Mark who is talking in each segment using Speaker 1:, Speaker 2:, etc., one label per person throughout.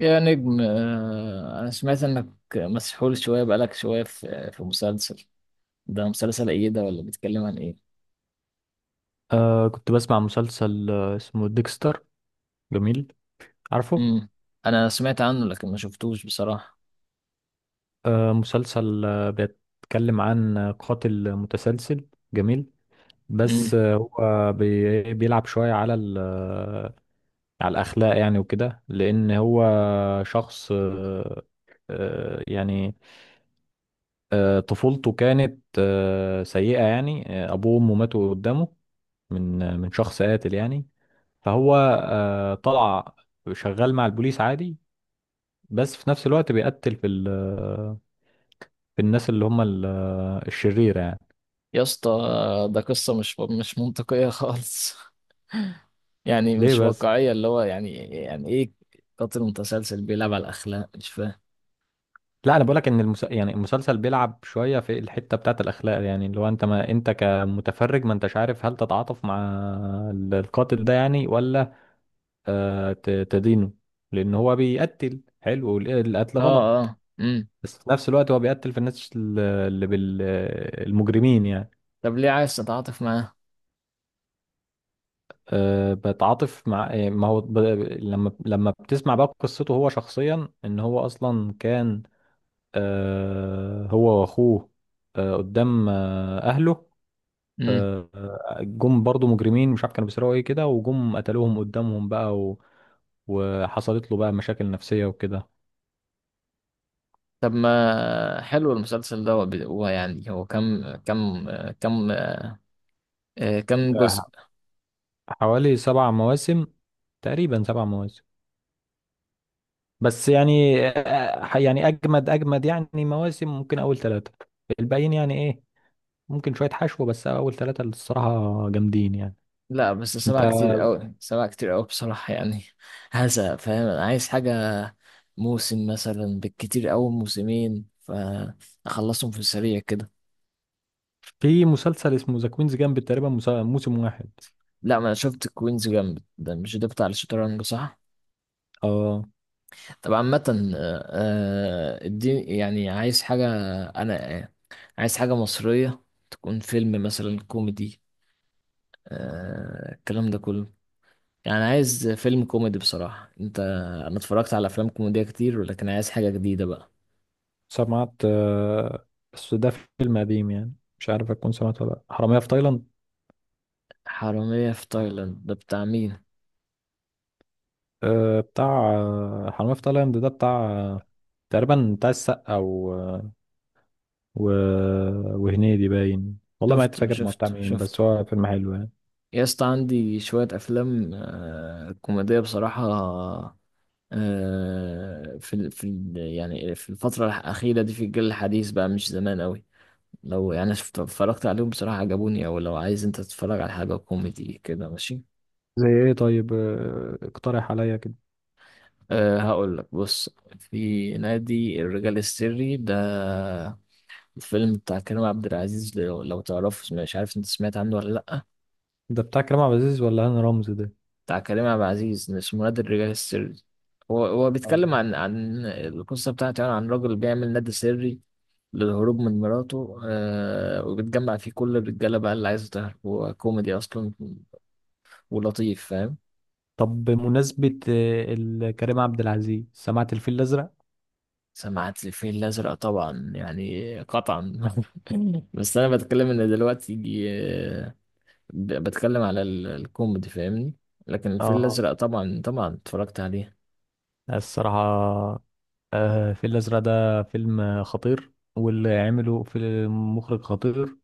Speaker 1: يا نجم أنا سمعت إنك مسحول شوية بقالك شوية في مسلسل. ده مسلسل إيه ده ولا بيتكلم عن إيه؟
Speaker 2: كنت بسمع مسلسل اسمه ديكستر. جميل. عارفه.
Speaker 1: مم. أنا سمعت عنه لكن ما شفتوش بصراحة.
Speaker 2: مسلسل بيتكلم عن قاتل متسلسل. جميل.
Speaker 1: مم.
Speaker 2: بس هو بيلعب شوية على على الأخلاق يعني وكده، لأن هو شخص يعني طفولته كانت سيئة يعني. أبوه وأمه ماتوا قدامه من من شخص قاتل يعني، فهو طلع شغال مع البوليس عادي. بس في نفس الوقت بيقتل في ال في الناس اللي هم الشريرة يعني.
Speaker 1: يا اسطى، ده قصة مش منطقية خالص يعني
Speaker 2: ليه
Speaker 1: مش
Speaker 2: بس؟
Speaker 1: واقعية اللي هو يعني يعني إيه؟ قاتل متسلسل بيلعب على الأخلاق مش فاهم.
Speaker 2: لا، انا بقولك ان يعني المسلسل بيلعب شوية في الحتة بتاعت الاخلاق، يعني اللي هو انت، ما انت كمتفرج ما انتش عارف هل تتعاطف مع القاتل ده يعني، ولا تدينه، لان هو بيقتل حلو، القتل
Speaker 1: آه
Speaker 2: غلط،
Speaker 1: آه مم.
Speaker 2: بس في نفس الوقت هو بيقتل في الناس اللي المجرمين يعني.
Speaker 1: طب ليه عايز تتعاطف معاه؟
Speaker 2: بتعاطف مع، ما هو لما بتسمع بقى قصته هو شخصيا، ان هو اصلا كان هو واخوه قدام اهله،
Speaker 1: مم.
Speaker 2: أه آه، جم برضو مجرمين، مش عارف كانوا بيسرقوا ايه كده، وجم قتلوهم قدامهم بقى وحصلت له بقى مشاكل نفسية وكده.
Speaker 1: طب ما حلو المسلسل ده، هو بي- هو يعني هو كم كم كم آه، كم جزء؟
Speaker 2: آه، حوالي 7 مواسم، تقريبا 7 مواسم. بس يعني يعني اجمد اجمد يعني مواسم، ممكن اول ثلاثة. الباقيين يعني إيه، ممكن شوية حشو، بس أول ثلاثة اللي الصراحة جامدين يعني.
Speaker 1: لا بس
Speaker 2: أنت
Speaker 1: سبعة كتير قوي، سبعة كتير قوي بصراحة يعني. هذا فاهم، أنا عايز حاجة موسم مثلا، بالكتير قوي موسمين، فأخلصهم في السريع كده.
Speaker 2: في مسلسل اسمه ذا كوينز جامب، تقريبا موسم واحد.
Speaker 1: لا ما أنا شفت كوينز جامد ده، مش ده بتاع الشطرنج صح؟
Speaker 2: اه.
Speaker 1: طب عامة اديني يعني عايز حاجة. أنا آه، عايز حاجة مصرية تكون فيلم مثلا كوميدي، الكلام ده كله. يعني عايز فيلم كوميدي بصراحة انت، انا اتفرجت على افلام كوميدية كتير ولكن عايز حاجة جديدة بقى.
Speaker 2: سمعت بس ده فيلم قديم يعني، مش عارف أكون سمعت ولا لأ. حرامية في تايلاند.
Speaker 1: حرامية في تايلاند ده بتاع مين؟
Speaker 2: بتاع حرامية في تايلاند ده بتاع تقريبا بتاع السقا و... وهنيدي، باين والله ما عدت
Speaker 1: شفته
Speaker 2: فاكر ما بتاع
Speaker 1: شفته
Speaker 2: مين،
Speaker 1: شفته
Speaker 2: بس هو فيلم حلو يعني.
Speaker 1: يا اسطى، عندي شوية أفلام كوميدية بصراحة، يعني في الفترة الأخيرة دي في الجيل الحديث بقى مش زمان أوي. لو يعني شفت اتفرجت عليهم بصراحة عجبوني، أو لو عايز أنت تتفرج على حاجة كوميدي كده ماشي.
Speaker 2: زي ايه طيب، اقترح عليا كده.
Speaker 1: أه هقول لك، بص، في نادي الرجال السري ده، الفيلم بتاع كريم عبد العزيز، لو تعرفه، مش عارف أنت سمعت عنه ولا لأ.
Speaker 2: ده بتاع كريم عبد العزيز ولا هاني رمزي ده؟
Speaker 1: بتاع كريم عبد العزيز، اسمه نادي الرجال السري. هو
Speaker 2: آه.
Speaker 1: بيتكلم عن القصة بتاعته، يعني عن راجل بيعمل نادي سري للهروب من مراته، وبتجمع فيه كل الرجالة بقى اللي عايزة تهرب، هو كوميدي أصلا ولطيف، فاهم؟
Speaker 2: طب بمناسبة كريم عبد العزيز، سمعت الفيل الأزرق؟
Speaker 1: سمعت الفيل الأزرق طبعا، يعني قطعا. بس أنا بتكلم إن دلوقتي يجي بتكلم على الكوميدي، فاهمني؟ لكن الفيل
Speaker 2: اه.
Speaker 1: الأزرق طبعا طبعا اتفرجت عليه.
Speaker 2: الصراحة الفيل الأزرق ده فيلم خطير، واللي عمله في مخرج خطير.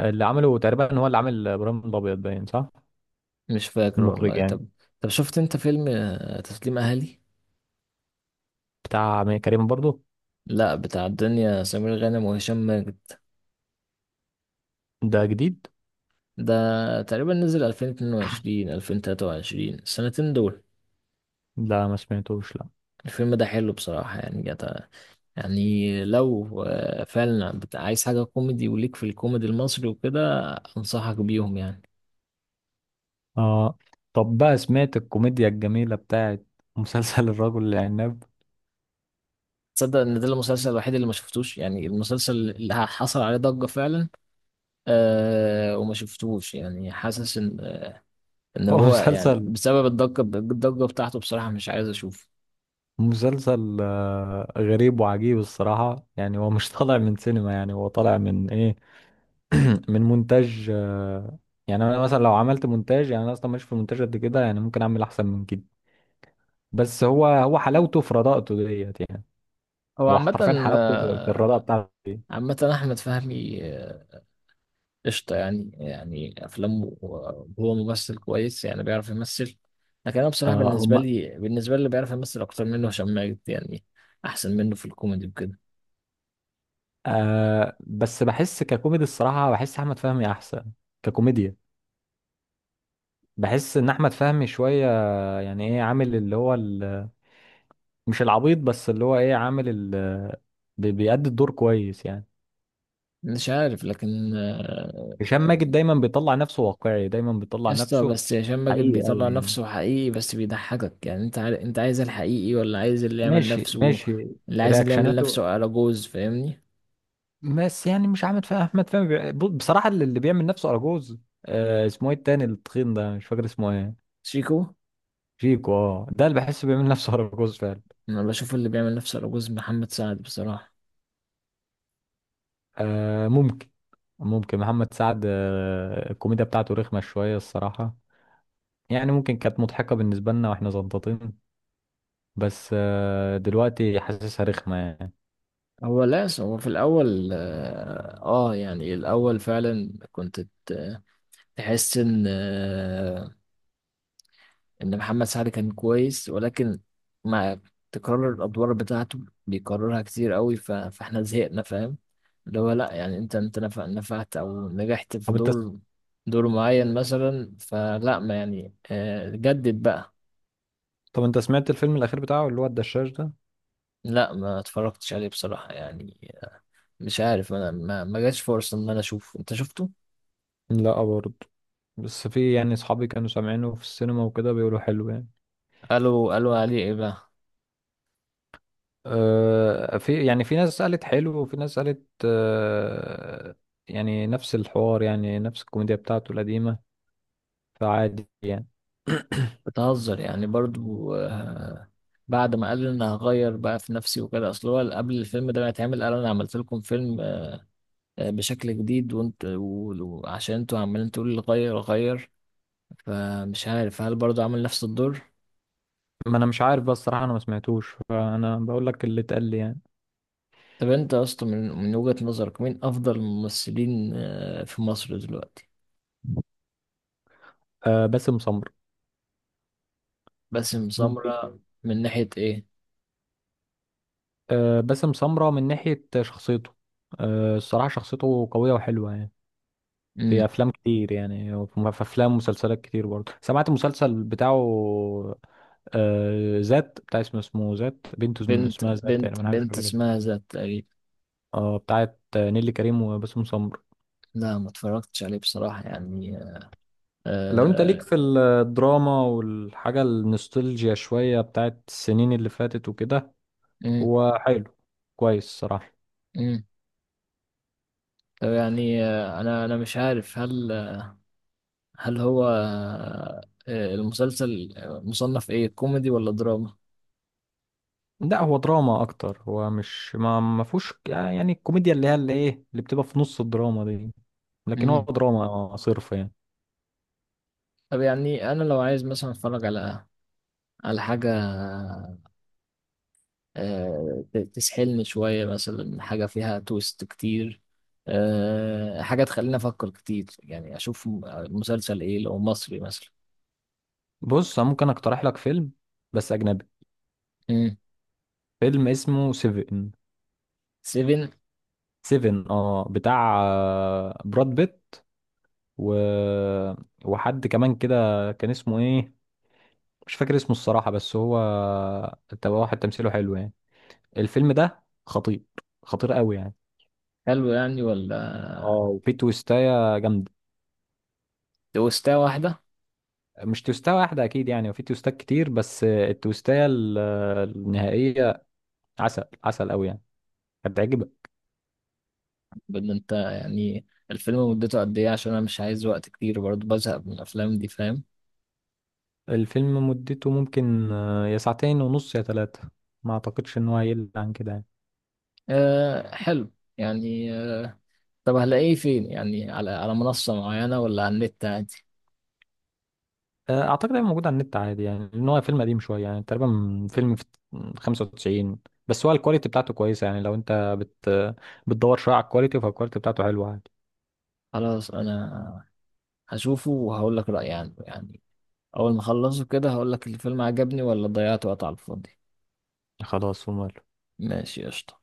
Speaker 2: اللي عمله تقريبا هو اللي عمل إبراهيم الأبيض، باين، صح؟
Speaker 1: مش فاكر
Speaker 2: المخرج
Speaker 1: والله.
Speaker 2: يعني.
Speaker 1: طب، طب شفت أنت فيلم تسليم أهلي؟
Speaker 2: بتاع أمير كريم برضو.
Speaker 1: لا بتاع الدنيا، سمير غانم وهشام ماجد.
Speaker 2: ده جديد؟
Speaker 1: ده تقريبا نزل 2022 2023، السنتين دول.
Speaker 2: لا، ما سمعتوش، لا.
Speaker 1: الفيلم ده حلو بصراحة يعني، جت يعني، لو فعلا عايز حاجة كوميدي وليك في الكوميدي المصري وكده، أنصحك بيهم يعني.
Speaker 2: اه. طب بقى، سمعت الكوميديا الجميلة بتاعت مسلسل الرجل العناب؟
Speaker 1: تصدق إن ده المسلسل الوحيد اللي ما شفتوش، يعني المسلسل اللي حصل عليه ضجة فعلا، أه وما شفتوش يعني. حاسس إن إن
Speaker 2: هو
Speaker 1: هو يعني
Speaker 2: مسلسل
Speaker 1: بسبب الضجة الضجة بتاعته بصراحة مش عايز أشوفه.
Speaker 2: غريب وعجيب الصراحة يعني. هو مش طالع من سينما، يعني هو طالع من ايه من مونتاج، يعني انا مثلا لو عملت مونتاج، يعني انا اصلا مش في المونتاج قد كده، يعني ممكن اعمل احسن من كده. بس هو حلاوته في رداءته ديت يعني.
Speaker 1: هو
Speaker 2: هو
Speaker 1: عامة
Speaker 2: حرفيا حلاوته في الرداءة بتاعته دي.
Speaker 1: عامة أحمد فهمي قشطة يعني، يعني أفلامه هو ممثل كويس يعني، بيعرف يمثل. لكن أنا بصراحة،
Speaker 2: آه
Speaker 1: بالنسبة
Speaker 2: هم
Speaker 1: لي، اللي بيعرف يمثل أكتر منه هشام ماجد يعني، أحسن منه في الكوميدي وكده.
Speaker 2: بس بحس ككوميدي الصراحة، بحس احمد فهمي احسن ككوميديا. بحس ان احمد فهمي شوية، يعني ايه، عامل اللي هو مش العبيط، بس اللي هو ايه، عامل بيأدي الدور كويس يعني.
Speaker 1: مش عارف، لكن
Speaker 2: هشام ماجد دايما بيطلع نفسه واقعي، دايما
Speaker 1: يا
Speaker 2: بيطلع
Speaker 1: اسطى،
Speaker 2: نفسه
Speaker 1: بس هشام ماجد
Speaker 2: حقيقي
Speaker 1: بيطلع
Speaker 2: قوي يعني.
Speaker 1: نفسه حقيقي بس بيضحكك، يعني أنت أنت عايز الحقيقي ولا عايز اللي يعمل
Speaker 2: ماشي
Speaker 1: نفسه؟
Speaker 2: ماشي.
Speaker 1: اللي عايز اللي يعمل
Speaker 2: رياكشناته،
Speaker 1: نفسه على جوز، فاهمني؟
Speaker 2: بس يعني مش عامل فيها احمد فهمي بصراحة اللي بيعمل نفسه اراجوز. اسمه ايه التاني، التخين ده، مش فاكر اسمه ايه.
Speaker 1: شيكو.
Speaker 2: شيكو. اه ده اللي بحسه بيعمل نفسه اراجوز فعلا.
Speaker 1: أنا بشوف اللي بيعمل نفسه على جوز محمد سعد بصراحة.
Speaker 2: ممكن، ممكن محمد سعد. الكوميديا بتاعته رخمة شوية الصراحة، يعني ممكن كانت مضحكة بالنسبة لنا واحنا زنطتين، بس دلوقتي حاسسها رخمة يعني.
Speaker 1: هو لاس هو في الأول يعني الأول فعلا كنت ت- تحس إن محمد سعد كان كويس، ولكن مع تكرار الأدوار بتاعته، بيكررها كتير قوي، فإحنا زهقنا، فاهم؟ اللي هو لأ، يعني أنت، أنت نفعت أو نجحت في
Speaker 2: طب انت
Speaker 1: دور، دور معين مثلا، فلأ، ما يعني جدد بقى.
Speaker 2: طب انت سمعت الفيلم الأخير بتاعه، اللي هو الدشاش ده؟
Speaker 1: لأ ما اتفرجتش عليه بصراحة يعني، مش عارف، أنا ما جاش فرصة إن أنا أشوفه، أنت شفته؟
Speaker 2: لا برضه، بس في يعني صحابي كانوا سامعينه في السينما وكده، بيقولوا حلو يعني.
Speaker 1: قالوا عليه إيه بقى؟
Speaker 2: في يعني في ناس قالت حلو، وفي ناس قالت يعني نفس الحوار، يعني نفس الكوميديا بتاعته القديمة، فعادي يعني.
Speaker 1: بتهزر يعني برضو. بعد ما قال انا هغير بقى في نفسي وكده، اصل هو قبل الفيلم ده ما يتعمل قال انا عملت لكم فيلم بشكل جديد، وعشان انتوا عمالين تقولوا لي غير غير، فمش عارف هل برضو عمل نفس الدور.
Speaker 2: ما انا مش عارف، بس الصراحة انا ما سمعتوش، فانا بقول لك اللي اتقال لي يعني.
Speaker 1: طب انت اصلا، من وجهة نظرك، مين افضل الممثلين في مصر دلوقتي؟
Speaker 2: باسم سمرة.
Speaker 1: باسم
Speaker 2: ممكن.
Speaker 1: سمرة من ناحية ايه؟
Speaker 2: باسم سمرة من ناحية شخصيته. الصراحة شخصيته قوية وحلوة يعني. في
Speaker 1: امم.
Speaker 2: أفلام كتير يعني، في أفلام ومسلسلات كتير برضه. سمعت المسلسل بتاعه ذات. بتاع اسمه ذات، بنته
Speaker 1: بنت
Speaker 2: اسمها ذات يعني،
Speaker 1: بنت
Speaker 2: من حاجة
Speaker 1: بنت
Speaker 2: شكلها كده.
Speaker 1: اسمها ذات تقريبا.
Speaker 2: اه بتاعت نيلي كريم وباسم سمرة.
Speaker 1: لا ما اتفرجتش عليه بصراحة يعني.
Speaker 2: لو انت ليك
Speaker 1: آه،
Speaker 2: في الدراما والحاجة النوستالجيا شوية بتاعت السنين اللي فاتت وكده،
Speaker 1: مم.
Speaker 2: هو حلو، كويس صراحة.
Speaker 1: مم. طب يعني انا مش عارف، هل هل هو آه، المسلسل مصنف ايه، كوميدي ولا دراما؟
Speaker 2: لا، هو دراما اكتر. هو مش ما فيهوش يعني الكوميديا اللي هي اللي ايه اللي بتبقى في نص الدراما دي، لكن هو
Speaker 1: امم.
Speaker 2: دراما صرف يعني.
Speaker 1: طب يعني انا لو عايز مثلا اتفرج على، على حاجه تسحلني شويه مثلا، حاجه فيها تويست كتير، حاجه تخليني افكر كتير، يعني اشوف مسلسل ايه لو مصري مثلا.
Speaker 2: بص، أنا ممكن اقترح لك فيلم، بس اجنبي.
Speaker 1: امم.
Speaker 2: فيلم اسمه سيفن.
Speaker 1: سيفن.
Speaker 2: سيفن، بتاع براد بيت و... وحد كمان كده، كان اسمه ايه، مش فاكر اسمه الصراحة، بس هو تبقى واحد تمثيله حلو يعني. الفيلم ده خطير، خطير قوي يعني.
Speaker 1: حلو يعني
Speaker 2: اه
Speaker 1: ولا؟
Speaker 2: وفي تويستاية جامدة.
Speaker 1: تويستة واحده؟
Speaker 2: مش توستة واحدة أكيد يعني، وفي توستات كتير، بس التوستاية النهائية عسل عسل أوي يعني، هتعجبك.
Speaker 1: بان انت يعني، الفيلم مدته قد ايه؟ عشان انا مش عايز وقت كتير، برضه بزهق من الافلام دي فاهم.
Speaker 2: الفيلم مدته ممكن يا ساعتين ونص يا ثلاثة، ما أعتقدش إن هو هيقل عن كده يعني.
Speaker 1: أه حلو يعني. طب هلاقيه فين يعني، على على منصة معينة ولا على النت عادي؟
Speaker 2: أعتقد هيبقى موجود على النت عادي يعني، لأن هو فيلم قديم شوية يعني، تقريبا من فيلم في 95. بس هو الكواليتي بتاعته كويسة يعني، لو أنت بتدور شوية على الكواليتي، فالكواليتي بتاعته حلوة عادي.
Speaker 1: خلاص انا هشوفه وهقول لك رأيي عنه يعني، اول ما اخلصه كده هقول لك الفيلم عجبني ولا ضيعت وقت على الفاضي.
Speaker 2: خلاص ومال.
Speaker 1: ماشي قشطة.